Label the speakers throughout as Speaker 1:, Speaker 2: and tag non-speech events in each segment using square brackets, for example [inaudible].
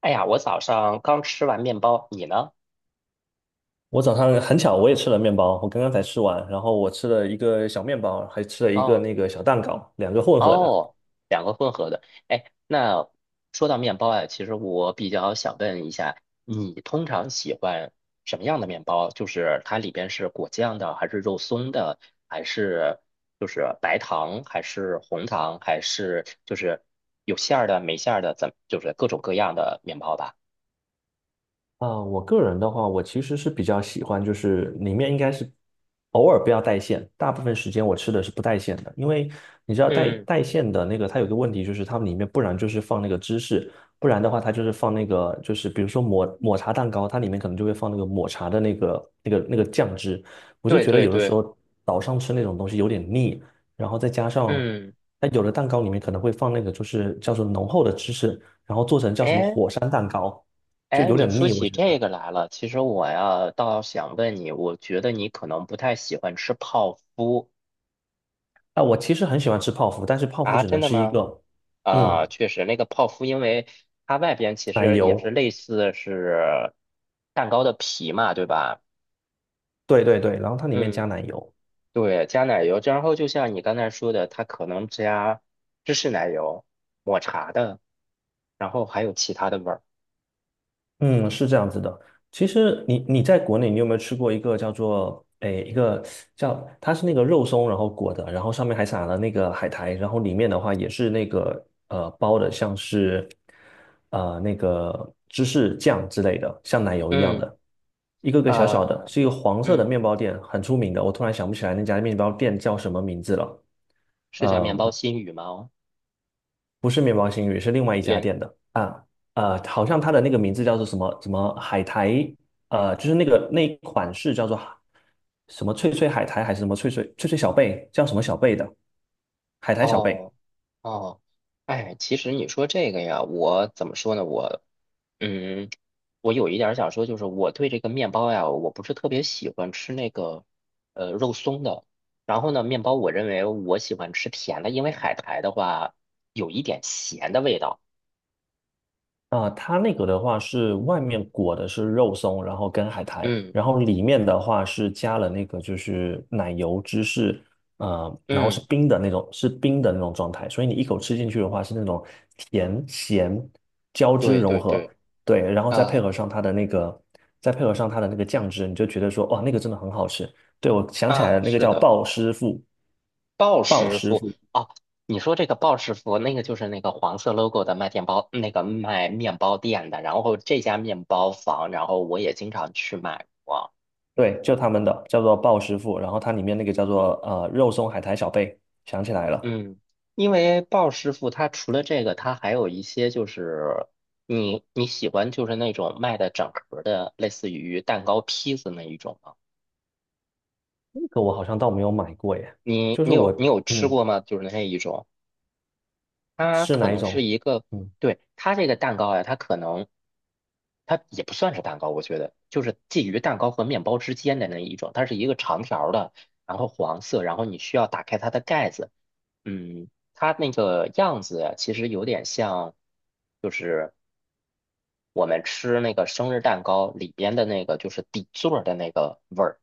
Speaker 1: 哎呀，我早上刚吃完面包，你呢？
Speaker 2: 我早上很巧，我也吃了面包，我刚刚才吃完，然后我吃了一个小面包，还吃了一个
Speaker 1: 哦
Speaker 2: 小蛋糕，两个混合的。
Speaker 1: 哦，两个混合的。哎，那说到面包啊，其实我比较想问一下，你通常喜欢什么样的面包？就是它里边是果酱的，还是肉松的，还是就是白糖，还是红糖，还是就是有馅儿的、没馅儿的，怎就是各种各样的面包吧？
Speaker 2: 啊，我个人的话，我其实是比较喜欢，就是里面应该是偶尔不要带馅，大部分时间我吃的是不带馅的，因为你知道带
Speaker 1: 嗯，
Speaker 2: 带馅的那个，它有个问题就是它们里面不然就是放那个芝士，不然的话它就是放那个就是比如说抹茶蛋糕，它里面可能就会放那个抹茶的那个酱汁，我就
Speaker 1: 对
Speaker 2: 觉得
Speaker 1: 对
Speaker 2: 有的时
Speaker 1: 对，
Speaker 2: 候早上吃那种东西有点腻，然后再加上
Speaker 1: 嗯，
Speaker 2: 它有的蛋糕里面可能会放那个就是叫做浓厚的芝士，然后做成叫什么
Speaker 1: 哎，
Speaker 2: 火山蛋糕。就
Speaker 1: 哎，
Speaker 2: 有
Speaker 1: 你
Speaker 2: 点
Speaker 1: 说
Speaker 2: 腻，我
Speaker 1: 起
Speaker 2: 觉
Speaker 1: 这
Speaker 2: 得。
Speaker 1: 个来了，其实我呀倒想问你，我觉得你可能不太喜欢吃泡芙
Speaker 2: 啊，我其实很喜欢吃泡芙，但是泡芙
Speaker 1: 啊，
Speaker 2: 只
Speaker 1: 真
Speaker 2: 能
Speaker 1: 的
Speaker 2: 是一
Speaker 1: 吗？
Speaker 2: 个，
Speaker 1: 啊，
Speaker 2: 嗯，
Speaker 1: 确实，那个泡芙，因为它外边其
Speaker 2: 奶
Speaker 1: 实也是
Speaker 2: 油，
Speaker 1: 类似是蛋糕的皮嘛，对吧？
Speaker 2: 对对对，然后它里面加
Speaker 1: 嗯，
Speaker 2: 奶油。
Speaker 1: 对，加奶油，然后就像你刚才说的，它可能加芝士奶油、抹茶的，然后还有其他的味儿。
Speaker 2: 嗯，是这样子的。其实你在国内，你有没有吃过一个叫做一个叫它是那个肉松，然后裹的，然后上面还撒了那个海苔，然后里面的话也是那个包的，像是那个芝士酱之类的，像奶油一样
Speaker 1: 嗯，
Speaker 2: 的，一个个小小的，
Speaker 1: 啊，
Speaker 2: 是一个黄色的
Speaker 1: 嗯，
Speaker 2: 面包店，很出名的。我突然想不起来那家面包店叫什么名字了。
Speaker 1: 是叫
Speaker 2: 呃，
Speaker 1: 面包新语吗？哦
Speaker 2: 不是面包新语，是另外一家
Speaker 1: 连。
Speaker 2: 店的啊，好像它
Speaker 1: 哦。
Speaker 2: 的那个名字叫做什么什么海苔，就是那个那一款是叫做海什么脆脆海苔还是什么脆脆小贝，叫什么小贝的海苔小贝，
Speaker 1: 哦，哦，哎，其实你说这个呀，我怎么说呢？我，嗯，我有一点儿想说，就是我对这个面包呀，我不是特别喜欢吃那个，肉松的。然后呢，面包我认为我喜欢吃甜的，因为海苔的话有一点咸的味道。
Speaker 2: 啊，它那个的话是外面裹的是肉松，然后跟海苔，
Speaker 1: 嗯
Speaker 2: 然后里面的话是加了那个就是奶油芝士，然后是
Speaker 1: 嗯，
Speaker 2: 冰的那种，是冰的那种状态，所以你一口吃进去的话是那种甜咸交织
Speaker 1: 对
Speaker 2: 融
Speaker 1: 对
Speaker 2: 合，
Speaker 1: 对，
Speaker 2: 对，然后
Speaker 1: 啊
Speaker 2: 再配合上它的那个酱汁，你就觉得说，哇，那个真的很好吃。对，我想起来
Speaker 1: 啊，
Speaker 2: 了，那个
Speaker 1: 是
Speaker 2: 叫
Speaker 1: 的。
Speaker 2: 鲍师傅，
Speaker 1: 鲍
Speaker 2: 鲍
Speaker 1: 师
Speaker 2: 师
Speaker 1: 傅
Speaker 2: 傅。
Speaker 1: 哦，你说这个鲍师傅，那个就是那个黄色 logo 的卖面包，那个卖面包店的。然后这家面包房，然后我也经常去买过。
Speaker 2: 对，就他们的叫做鲍师傅，然后它里面那个叫做肉松海苔小贝，想起来了，
Speaker 1: 嗯，因为鲍师傅他除了这个，他还有一些就是你喜欢就是那种卖的整盒的，类似于蛋糕、披子那一种吗？
Speaker 2: 那个我好像倒没有买过耶。
Speaker 1: 你
Speaker 2: 就是
Speaker 1: 你
Speaker 2: 我
Speaker 1: 有你有吃
Speaker 2: 嗯
Speaker 1: 过吗？就是那一种。它
Speaker 2: 是
Speaker 1: 可
Speaker 2: 哪一
Speaker 1: 能是
Speaker 2: 种？
Speaker 1: 一个，
Speaker 2: 嗯，
Speaker 1: 对，它这个蛋糕呀，它可能，它也不算是蛋糕，我觉得就是介于蛋糕和面包之间的那一种，它是一个长条儿的，然后黄色，然后你需要打开它的盖子，嗯，它那个样子呀其实有点像，就是我们吃那个生日蛋糕里边的那个，就是底座儿的那个味儿，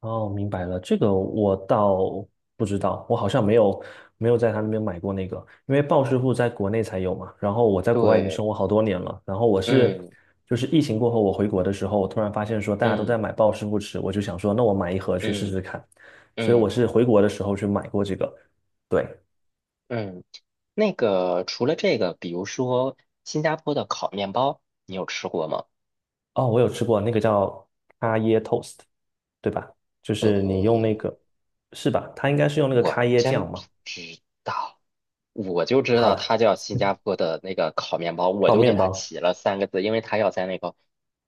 Speaker 2: 哦，明白了，这个我倒不知道，我好像没有在他那边买过那个，因为鲍师傅在国内才有嘛，然后我在国外已经
Speaker 1: 对，
Speaker 2: 生活好多年了，然后就是疫情过后我回国的时候，我突然发现说大家都
Speaker 1: 嗯
Speaker 2: 在买鲍师傅吃，我就想说那我买一盒去试
Speaker 1: 嗯
Speaker 2: 试看，所以我
Speaker 1: 嗯
Speaker 2: 是回国的时候去买过这个。对。
Speaker 1: 嗯嗯嗯。那个除了这个，比如说新加坡的烤面包，你有吃过吗？
Speaker 2: 哦，我有吃过那个叫咖椰 toast，对吧？就是你用那
Speaker 1: 呃，
Speaker 2: 个，是吧？它应该是用那个
Speaker 1: 我
Speaker 2: 咖椰
Speaker 1: 真
Speaker 2: 酱
Speaker 1: 不
Speaker 2: 嘛。
Speaker 1: 知道，我就知
Speaker 2: 好
Speaker 1: 道它
Speaker 2: 了，
Speaker 1: 叫新加坡的那个烤面包，我
Speaker 2: 烤
Speaker 1: 就给
Speaker 2: 面
Speaker 1: 它
Speaker 2: 包，
Speaker 1: 起了3个字，因为它要在那个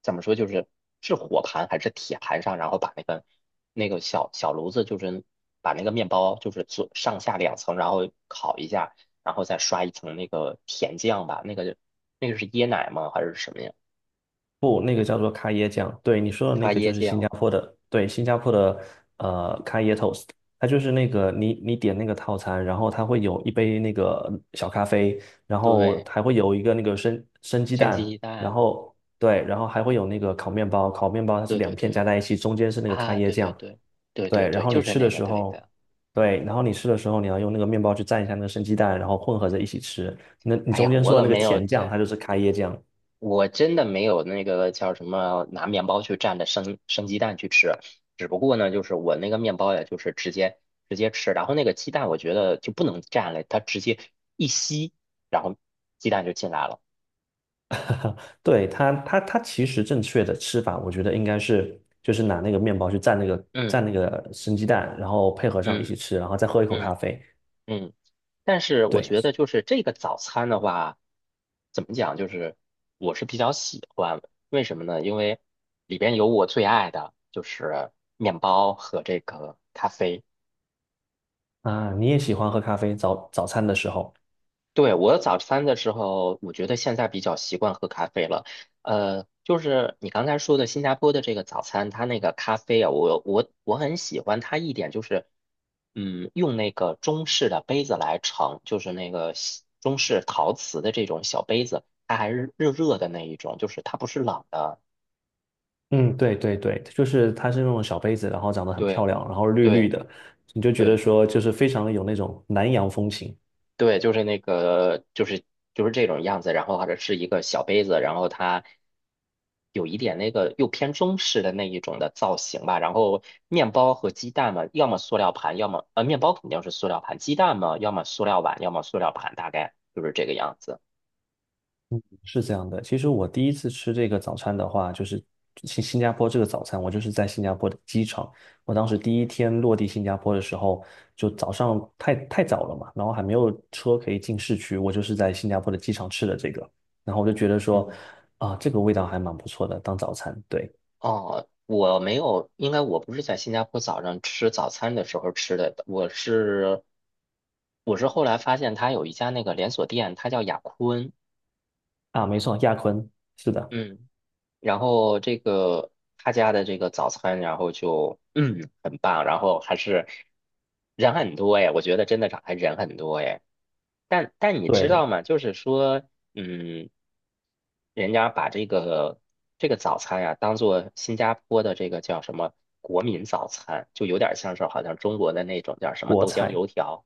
Speaker 1: 怎么说，就是是火盘还是铁盘上，然后把那个那个小小炉子，就是把那个面包就是做上下两层，然后烤一下，然后再刷一层那个甜酱吧，那个那个是椰奶吗？还是什么呀？
Speaker 2: 不，那个叫做咖椰酱。对，你说的
Speaker 1: 咖
Speaker 2: 那个
Speaker 1: 椰
Speaker 2: 就是新加
Speaker 1: 酱。
Speaker 2: 坡的，对，新加坡的咖椰 toast，它就是那个你点那个套餐，然后它会有一杯那个小咖啡，然后
Speaker 1: 对，
Speaker 2: 还会有一个那个生生鸡
Speaker 1: 生鸡
Speaker 2: 蛋，
Speaker 1: 鸡
Speaker 2: 然
Speaker 1: 蛋，
Speaker 2: 后对，然后还会有那个烤面包，烤面包它是
Speaker 1: 对对
Speaker 2: 两片
Speaker 1: 对，
Speaker 2: 加在一起，中间是那个咖
Speaker 1: 啊，
Speaker 2: 椰
Speaker 1: 对对
Speaker 2: 酱。
Speaker 1: 对，对对
Speaker 2: 对，然
Speaker 1: 对，
Speaker 2: 后你
Speaker 1: 就是
Speaker 2: 吃的
Speaker 1: 那个，
Speaker 2: 时
Speaker 1: 对
Speaker 2: 候，
Speaker 1: 的。
Speaker 2: 对，然后你吃的时候，你要用那个面包去蘸一下那个生鸡蛋，然后混合着一起吃。那你
Speaker 1: 哎
Speaker 2: 中
Speaker 1: 呀，
Speaker 2: 间
Speaker 1: 我
Speaker 2: 说
Speaker 1: 怎
Speaker 2: 的
Speaker 1: 么
Speaker 2: 那个
Speaker 1: 没有
Speaker 2: 甜酱，
Speaker 1: 蘸？
Speaker 2: 它就是开椰酱。
Speaker 1: 我真的没有那个叫什么拿面包去蘸着生鸡蛋去吃，只不过呢，就是我那个面包呀，就是直接吃，然后那个鸡蛋我觉得就不能蘸了，它直接一吸，然后鸡蛋就进来了。
Speaker 2: 对，它其实正确的吃法，我觉得应该是就是拿那个面包去蘸那个
Speaker 1: 嗯
Speaker 2: 生鸡蛋，然后配合上一
Speaker 1: 嗯
Speaker 2: 起吃，然后再喝一口咖
Speaker 1: 嗯
Speaker 2: 啡。
Speaker 1: 嗯，但是我
Speaker 2: 对
Speaker 1: 觉得就是这个早餐的话，怎么讲，就是我是比较喜欢，为什么呢？因为里边有我最爱的，就是面包和这个咖啡。
Speaker 2: 啊，你也喜欢喝咖啡，早餐的时候。
Speaker 1: 对，我早餐的时候，我觉得现在比较习惯喝咖啡了。就是你刚才说的新加坡的这个早餐，它那个咖啡啊，我很喜欢它一点就是，嗯，用那个中式的杯子来盛，就是那个西中式陶瓷的这种小杯子，它还是热热的那一种，就是它不是冷的。
Speaker 2: 嗯，对对对，就是它是那种小杯子，然后长得很漂
Speaker 1: 对
Speaker 2: 亮，然后绿绿
Speaker 1: 对
Speaker 2: 的，你就觉得
Speaker 1: 对。
Speaker 2: 说就是非常有那种南洋风情。
Speaker 1: 对，就是那个，就是这种样子，然后或者是一个小杯子，然后它有一点那个又偏中式的那一种的造型吧。然后面包和鸡蛋嘛，要么塑料盘，要么面包肯定是塑料盘，鸡蛋嘛，要么塑料碗，要么塑料盘，大概就是这个样子。
Speaker 2: 是这样的，其实我第一次吃这个早餐的话，就是新加坡这个早餐，我就是在新加坡的机场。我当时第一天落地新加坡的时候，就早上太早了嘛，然后还没有车可以进市区，我就是在新加坡的机场吃的这个，然后我就觉得说，
Speaker 1: 嗯，
Speaker 2: 啊，这个味道还蛮不错的，当早餐。对，
Speaker 1: 哦，我没有，应该我不是在新加坡早上吃早餐的时候吃的，我是后来发现它有一家那个连锁店，它叫雅坤。
Speaker 2: 啊，没错，亚坤，是的，
Speaker 1: 嗯。然后这个他家的这个早餐，然后就 [clears throat] 嗯很棒，然后还是人很多哎，我觉得真的是还人很多哎。但但你知
Speaker 2: 对，
Speaker 1: 道吗？就是说，嗯，人家把这个这个早餐呀、当做新加坡的这个叫什么国民早餐，就有点像是好像中国的那种叫什么
Speaker 2: 国
Speaker 1: 豆浆
Speaker 2: 菜。
Speaker 1: 油条，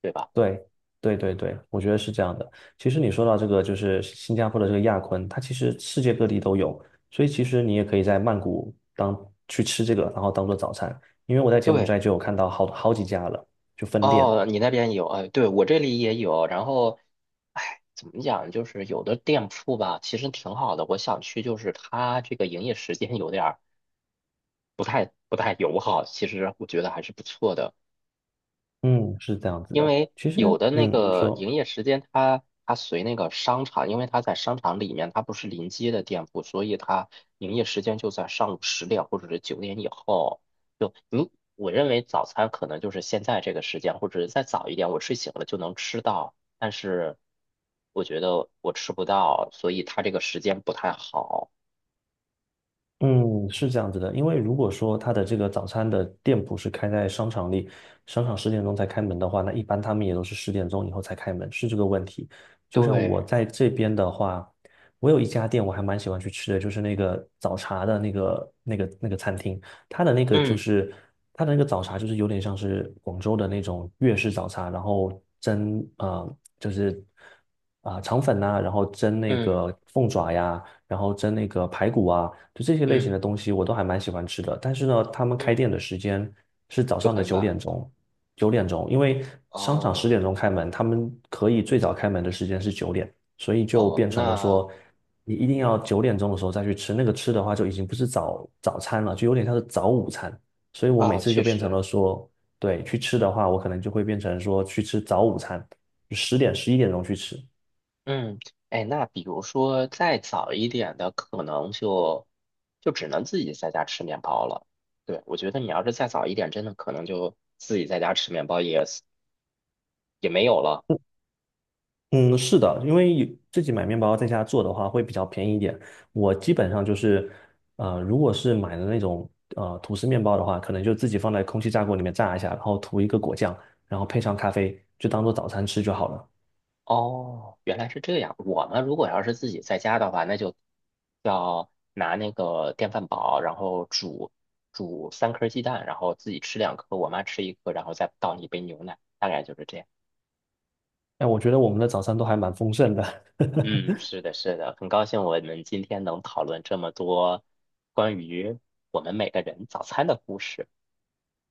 Speaker 1: 对吧？
Speaker 2: 对，对对对，我觉得是这样的。其实你说到这个，就是新加坡的这个亚坤，它其实世界各地都有，所以其实你也可以在曼谷去吃这个，然后当做早餐。因为我在柬埔
Speaker 1: 对，
Speaker 2: 寨就有看到好几家了，就分店。
Speaker 1: 哦，你那边有，哎，对，我这里也有。然后，哎，怎么讲，就是有的店铺吧，其实挺好的。我想去，就是它这个营业时间有点儿不太友好，其实我觉得还是不错的。
Speaker 2: 嗯，是这样子
Speaker 1: 因
Speaker 2: 的。
Speaker 1: 为
Speaker 2: 其实，
Speaker 1: 有的那
Speaker 2: 嗯，你
Speaker 1: 个
Speaker 2: 说。
Speaker 1: 营业时间它，它随那个商场，因为它在商场里面，它不是临街的店铺，所以它营业时间就在上午10点或者是9点以后。就你，我认为早餐可能就是现在这个时间，或者是再早一点，我睡醒了就能吃到，但是我觉得我吃不到，所以它这个时间不太好。
Speaker 2: 嗯，是这样子的，因为如果说他的这个早餐的店铺是开在商场里，商场十点钟才开门的话，那一般他们也都是十点钟以后才开门，是这个问题。就像我
Speaker 1: 对，
Speaker 2: 在这边的话，我有一家店我还蛮喜欢去吃的，就是那个早茶的那个餐厅，它的那个就
Speaker 1: 嗯
Speaker 2: 是它的那个早茶就是有点像是广州的那种粤式早茶，然后蒸啊、就是啊、肠粉呐、然后蒸那
Speaker 1: 嗯
Speaker 2: 个凤爪呀。然后蒸那个排骨啊，就这些类型的
Speaker 1: 嗯
Speaker 2: 东西我都还蛮喜欢吃的。但是呢，他们开
Speaker 1: 嗯，
Speaker 2: 店的时间是早
Speaker 1: 就
Speaker 2: 上的
Speaker 1: 很
Speaker 2: 九
Speaker 1: 晚。
Speaker 2: 点钟，九点钟，因为商场十
Speaker 1: 哦
Speaker 2: 点钟开门，他们可以最早开门的时间是九点，所以就
Speaker 1: 哦，
Speaker 2: 变成了
Speaker 1: 那
Speaker 2: 说，你一定要九点钟的时候再去吃，那个吃的话就已经不是早餐了，就有点像是早午餐。所以我每
Speaker 1: 啊，
Speaker 2: 次
Speaker 1: 确
Speaker 2: 就变成
Speaker 1: 实。
Speaker 2: 了说，对，去吃的话，我可能就会变成说去吃早午餐，10点11点钟去吃。
Speaker 1: 嗯，哎，那比如说再早一点的，可能就只能自己在家吃面包了。对，我觉得你要是再早一点，真的可能就自己在家吃面包也是也没有了。
Speaker 2: 嗯，是的，因为有自己买面包在家做的话会比较便宜一点。我基本上就是，如果是买的那种吐司面包的话，可能就自己放在空气炸锅里面炸一下，然后涂一个果酱，然后配上咖啡，就当做早餐吃就好了。
Speaker 1: 哦，原来是这样。我们如果要是自己在家的话，那就要拿那个电饭煲，然后煮3颗鸡蛋，然后自己吃2颗，我妈吃1颗，然后再倒1杯牛奶，大概就是这样。
Speaker 2: 哎，我觉得我们的早餐都还蛮丰盛的。[laughs]
Speaker 1: 嗯，是的，是的，很高兴我们今天能讨论这么多关于我们每个人早餐的故事。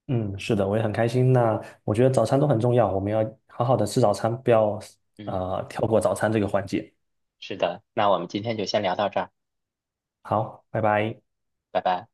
Speaker 2: 嗯，是的，我也很开心。那我觉得早餐都很重要，我们要好好的吃早餐，不要
Speaker 1: 嗯，
Speaker 2: 跳过早餐这个环节。
Speaker 1: 是的，那我们今天就先聊到这儿，
Speaker 2: 好，拜拜。
Speaker 1: 拜拜。